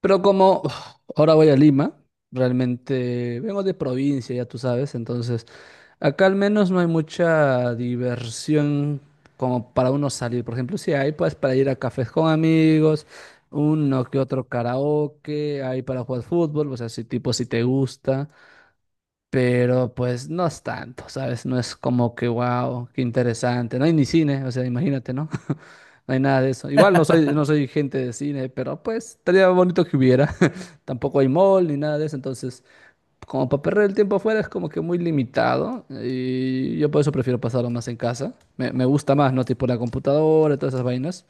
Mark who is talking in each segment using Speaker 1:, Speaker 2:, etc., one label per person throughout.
Speaker 1: Pero como uf, ahora voy a Lima, realmente vengo de provincia, ya tú sabes. Entonces acá al menos no hay mucha diversión como para uno salir. Por ejemplo, si hay pues para ir a cafés con amigos, uno que otro karaoke, hay para jugar fútbol. O sea, si tipo, si te gusta, pero pues no es tanto, ¿sabes? No es como que, wow, qué interesante. No hay ni cine, o sea, imagínate, ¿no? No hay nada de eso. Igual no soy, no soy gente de cine, pero pues estaría bonito que hubiera. Tampoco hay mall ni nada de eso, entonces como para perder el tiempo afuera es como que muy limitado, y yo por eso prefiero pasarlo más en casa. Me gusta más, ¿no? Tipo la computadora, todas esas vainas.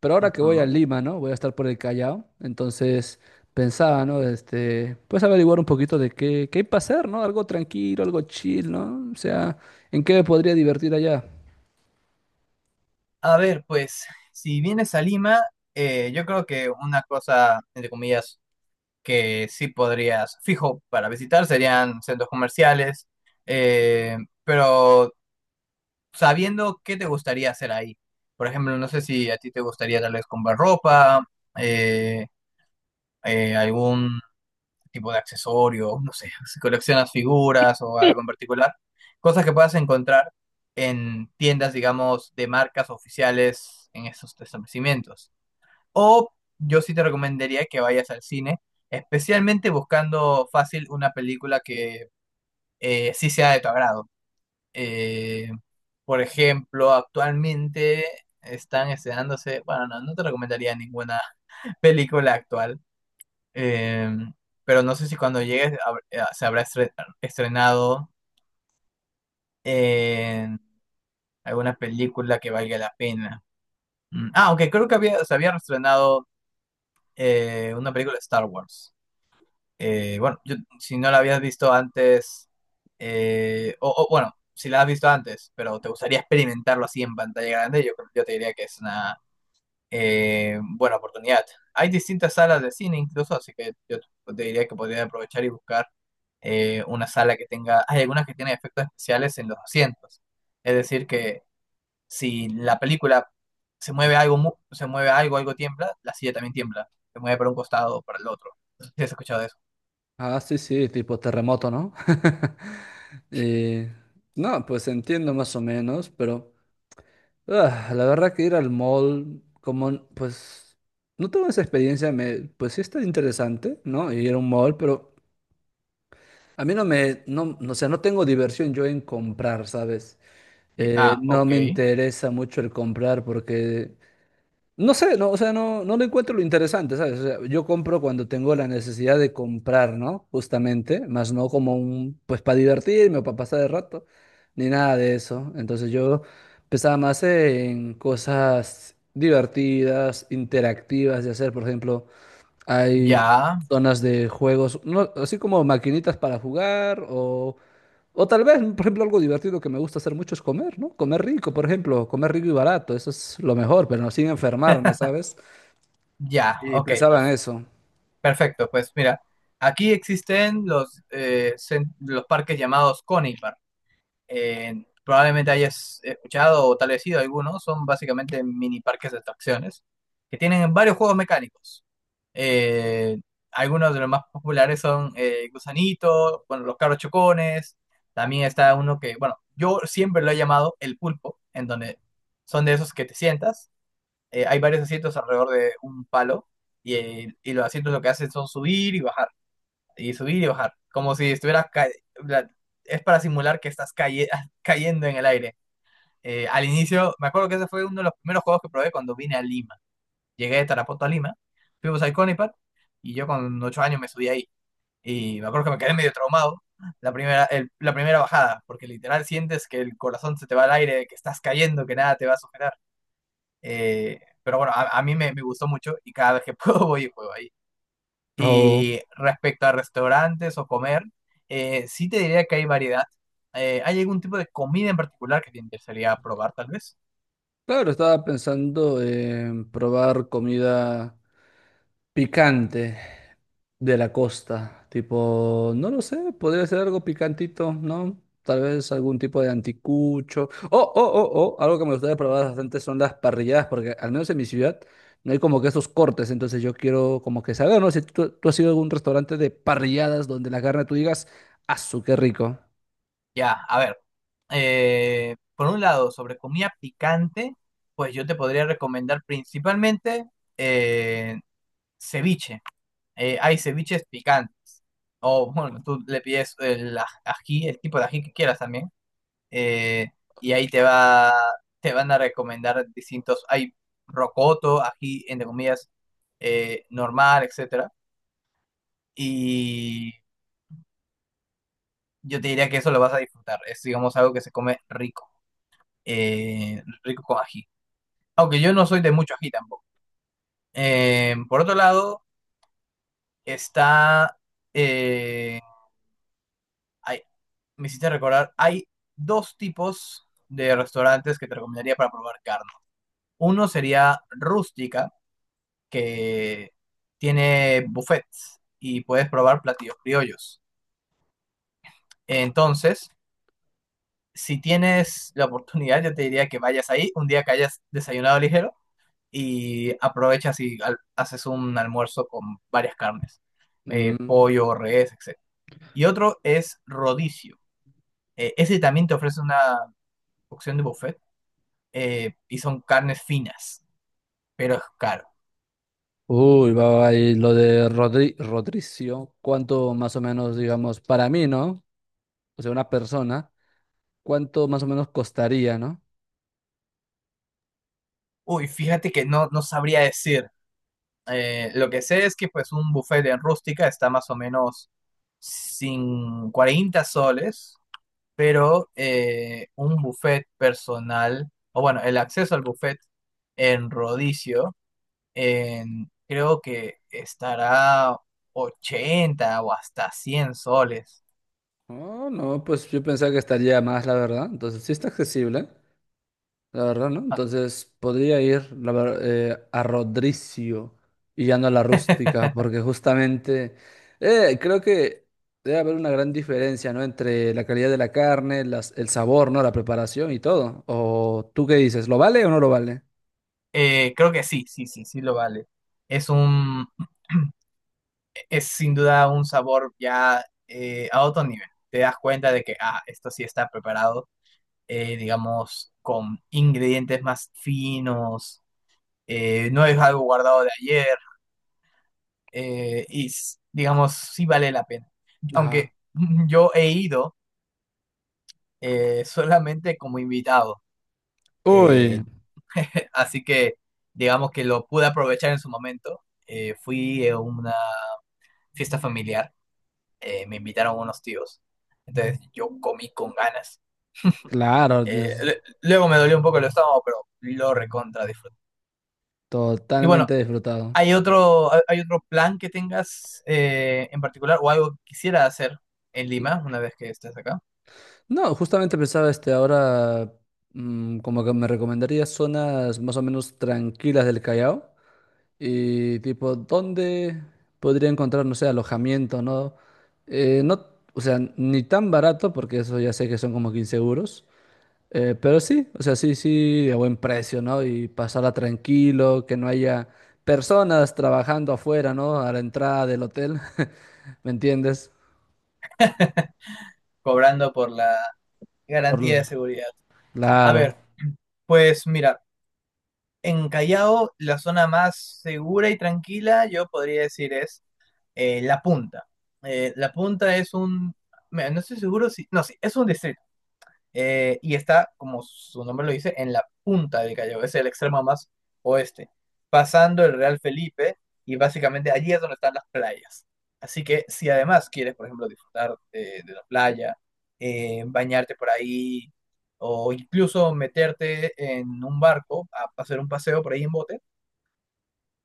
Speaker 1: Pero ahora que voy a
Speaker 2: Ujú.
Speaker 1: Lima, ¿no? Voy a estar por el Callao, entonces pensaba, ¿no? Pues averiguar un poquito de qué, qué hay para hacer, ¿no? Algo tranquilo, algo chill, ¿no? O sea, ¿en qué me podría divertir allá?
Speaker 2: A ver, pues, si vienes a Lima, yo creo que una cosa, entre comillas, que sí podrías, fijo, para visitar serían centros comerciales, eh, pero sabiendo qué te gustaría hacer ahí. Por ejemplo, no sé si a ti te gustaría tal vez comprar ropa, eh, algún tipo de accesorios, no sé, si coleccionas figuras o algo en particular, cosas que puedas encontrar en tiendas, digamos, de marcas oficiales en esos establecimientos. O yo sí te recomendaría que vayas al cine, especialmente buscando fácil una película que sí sea de tu agrado. Eh, por ejemplo, actualmente están estrenándose, bueno, no te recomendaría ninguna película actual. Em, pero no sé si cuando llegues se estrenado en alguna película que valga la pena. Mm. Ah, aunque creo que había, se había estrenado una película de Star Wars. Bueno, si no la habías visto antes, bueno, si la has visto antes, pero te gustaría experimentarlo así en pantalla grande, yo, yo te diría que es una buena oportunidad. Hay distintas salas de cine incluso, así que yo te diría que podría aprovechar y buscar una sala que tenga, hay algunas que tienen efectos especiales en los asientos. Es decir, que si la película se mueve algo, algo tiembla, la silla también tiembla. Se mueve para un costado o para el otro. ¿Sí has escuchado de eso?
Speaker 1: Ah, sí, sí, tipo terremoto, ¿no? Eh, no, pues entiendo más o menos. Pero la verdad que ir al mall, como, pues, no tengo esa experiencia. Pues sí está interesante, ¿no? Ir a un mall, pero a mí no me, no, no, o sea, no tengo diversión yo en comprar, ¿sabes?
Speaker 2: Ah,
Speaker 1: No
Speaker 2: ok.
Speaker 1: me interesa mucho el comprar porque, no sé, no, o sea, no, no le encuentro lo interesante, ¿sabes? O sea, yo compro cuando tengo la necesidad de comprar, ¿no? Justamente, más no como un, pues, para divertirme o para pasar el rato, ni nada de eso. Entonces yo pensaba más en cosas divertidas, interactivas de hacer. Por ejemplo, hay
Speaker 2: Ya,
Speaker 1: zonas de juegos, ¿no? Así como maquinitas para jugar. O, o tal vez, por ejemplo, algo divertido que me gusta hacer mucho es comer, ¿no? Comer rico. Por ejemplo, comer rico y barato, eso es lo mejor, pero no sin enfermarme, ¿sabes?
Speaker 2: ya,
Speaker 1: Y
Speaker 2: ok,
Speaker 1: pensaba en eso.
Speaker 2: perfecto. Pues mira, aquí existen los, los parques llamados Conipark. Probablemente hayas escuchado o tal vez sido algunos, son básicamente mini parques de atracciones que tienen varios juegos mecánicos. Eh, Algunos de los más populares son Gusanito, bueno, los carros chocones, también está uno que, bueno, yo siempre lo he llamado el pulpo, en donde son de esos que te sientas, hay varios asientos alrededor de un palo y los asientos lo que hacen son subir y bajar y subir y bajar, como si estuvieras, la- es para simular que estás cayendo en el aire. Al inicio, me acuerdo que ese fue uno de los primeros juegos que probé cuando vine a Lima. Llegué de Tarapoto a Lima, fuimos al Conipat y yo con 8 años me subí ahí. Y me acuerdo que me quedé medio traumado la primera, la primera bajada, porque literal sientes que el corazón se te va al aire, que estás cayendo, que nada te va a sujetar. Pero bueno, a mí me gustó mucho y cada vez que puedo voy y juego ahí.
Speaker 1: O
Speaker 2: Y respecto a restaurantes o comer, sí te diría que hay variedad. ¿Hay algún tipo de comida en particular que te interesaría probar, tal vez?
Speaker 1: claro, estaba pensando en probar comida picante de la costa. Tipo, no lo sé, podría ser algo picantito, ¿no? Tal vez algún tipo de anticucho. Oh, oh, oh, oh, algo que me gustaría probar bastante son las parrilladas, porque al menos en mi ciudad no hay como que esos cortes. Entonces yo quiero como que saber, ¿no? Si tú has ido a algún restaurante de parrilladas donde la carne tú digas, ¡asu, qué rico!
Speaker 2: Ya, a ver. Eh, por un lado, sobre comida picante, pues yo te podría recomendar principalmente eh, ceviche. Hay ceviches picantes. O bueno, tú le pides ají, el tipo de ají que quieras también. eh, y ahí te va, te van a recomendar distintos, hay rocoto, ají, entre comillas, normal, etcétera, y yo te diría que eso lo vas a disfrutar, es digamos algo que se come rico, rico con ají, aunque yo no soy de mucho ají tampoco. Por otro lado, está, eh, hay- me hiciste recordar, hay dos tipos de restaurantes que te recomendaría para probar carne. Uno sería rústica, que tiene buffets y puedes probar platillos criollos. Entonces, si tienes la oportunidad, yo te diría que vayas ahí un día que hayas desayunado ligero y aprovechas y haces un almuerzo con varias carnes,
Speaker 1: Mm.
Speaker 2: pollo, res, etc. Y otro es rodicio. Ese también te ofrece una opción de buffet, y son carnes finas, pero es caro.
Speaker 1: Uy, va, va, y lo de Rodricio, ¿cuánto más o menos, digamos, para mí, ¿no? O sea, una persona, ¿cuánto más o menos costaría, ¿no?
Speaker 2: Uy, fíjate que no sabría decir. Lo que sé es que pues un buffet en rústica está más o menos sin 40 soles, pero un buffet personal, o bueno, el acceso al buffet en Rodicio, creo que estará 80 o hasta 100 soles.
Speaker 1: Oh, no, pues yo pensaba que estaría más, la verdad. Entonces, sí está accesible, la verdad, ¿no?
Speaker 2: Ah,
Speaker 1: Entonces, podría ir a Rodricio y ya no a la rústica, porque justamente creo que debe haber una gran diferencia, ¿no? Entre la calidad de la carne, las, el sabor, ¿no? La preparación y todo. ¿O tú qué dices? ¿Lo vale o no lo vale?
Speaker 2: creo que sí, sí, sí, sí lo vale. Es un, es sin duda un sabor ya a otro nivel. Te das cuenta de que, ah, esto sí está preparado digamos, con ingredientes más finos, no es algo guardado de ayer, digamos, sí vale la pena.
Speaker 1: Ajá.
Speaker 2: Aunque yo he ido solamente como invitado, eh,
Speaker 1: Uy,
Speaker 2: así que digamos que lo pude aprovechar en su momento. Fui a una fiesta familiar, me invitaron unos tíos, entonces yo comí con ganas.
Speaker 1: claro, Dios,
Speaker 2: Luego me dolió un poco el estómago, pero lo recontra disfruté. Y bueno,
Speaker 1: totalmente disfrutado.
Speaker 2: ¿hay otro, hay otro plan que tengas en particular o algo que quisieras hacer en Lima una vez que estés acá?
Speaker 1: No, justamente pensaba ahora, mm, como que me recomendaría zonas más o menos tranquilas del Callao y tipo dónde podría encontrar, no sé, alojamiento, ¿no? No, o sea, ni tan barato porque eso ya sé que son como 15 euros. Pero sí, o sea, sí, sí, a buen precio, ¿no? Y pasarla tranquilo, que no haya personas trabajando afuera, ¿no? A la entrada del hotel, ¿me entiendes?
Speaker 2: Cobrando por la
Speaker 1: Por...
Speaker 2: garantía de seguridad. A
Speaker 1: claro.
Speaker 2: ver, pues mira, en Callao la zona más segura y tranquila yo podría decir es La Punta. La Punta es un, no estoy seguro si, no, sí, es un distrito. Y está, como su nombre lo dice, en la punta del Callao, es el extremo más oeste, pasando el Real Felipe y básicamente allí es donde están las playas. Así que si además quieres, por ejemplo, disfrutar de la playa, bañarte por ahí o incluso meterte en un barco a hacer un paseo por ahí en bote,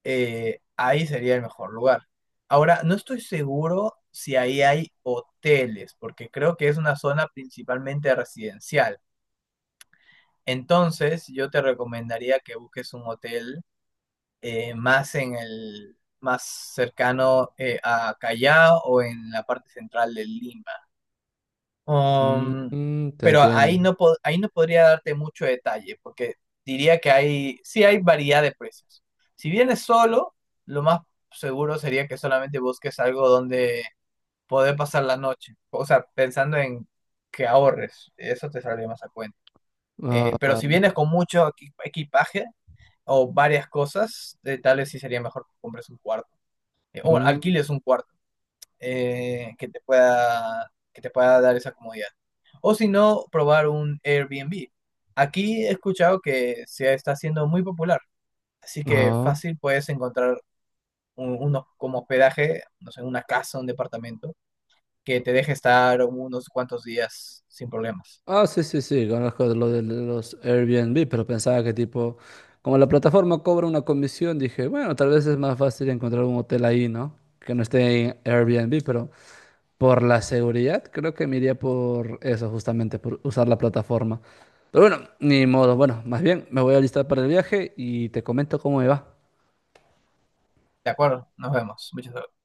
Speaker 2: ahí sería el mejor lugar. Ahora, no estoy seguro si ahí hay hoteles, porque creo que es una zona principalmente residencial. Entonces, yo te recomendaría que busques un hotel más en el más cercano a Callao o en la parte central de Lima.
Speaker 1: Mm,
Speaker 2: Um,
Speaker 1: mm, te
Speaker 2: pero ahí
Speaker 1: entiendo.
Speaker 2: no, ahí no podría darte mucho detalle, porque diría que hay, sí hay variedad de precios. Si vienes solo, lo más seguro sería que solamente busques algo donde poder pasar la noche. O sea, pensando en que ahorres, eso te saldría más a cuenta.
Speaker 1: Ah,
Speaker 2: Pero si
Speaker 1: vale.
Speaker 2: vienes con mucho equipaje, o varias cosas, tal vez sí sería mejor que compres un cuarto. O bueno,
Speaker 1: Mm,
Speaker 2: alquiles un cuarto que te pueda dar esa comodidad. O si no, probar un Airbnb. Aquí he escuchado que se está haciendo muy popular, así que
Speaker 1: ah.
Speaker 2: fácil puedes encontrar unos como hospedaje, no sé, una casa, un departamento, que te deje estar unos cuantos días sin problemas.
Speaker 1: Ah, sí, sí, sí, conozco de lo de los Airbnb, pero pensaba que tipo, como la plataforma cobra una comisión, dije, bueno, tal vez es más fácil encontrar un hotel ahí, ¿no? Que no esté en Airbnb, pero... Por la seguridad, creo que me iría por eso, justamente, por usar la plataforma. Pero bueno, ni modo. Bueno, más bien me voy a listar para el viaje y te comento cómo me va.
Speaker 2: De acuerdo, nos vemos. Muchas gracias.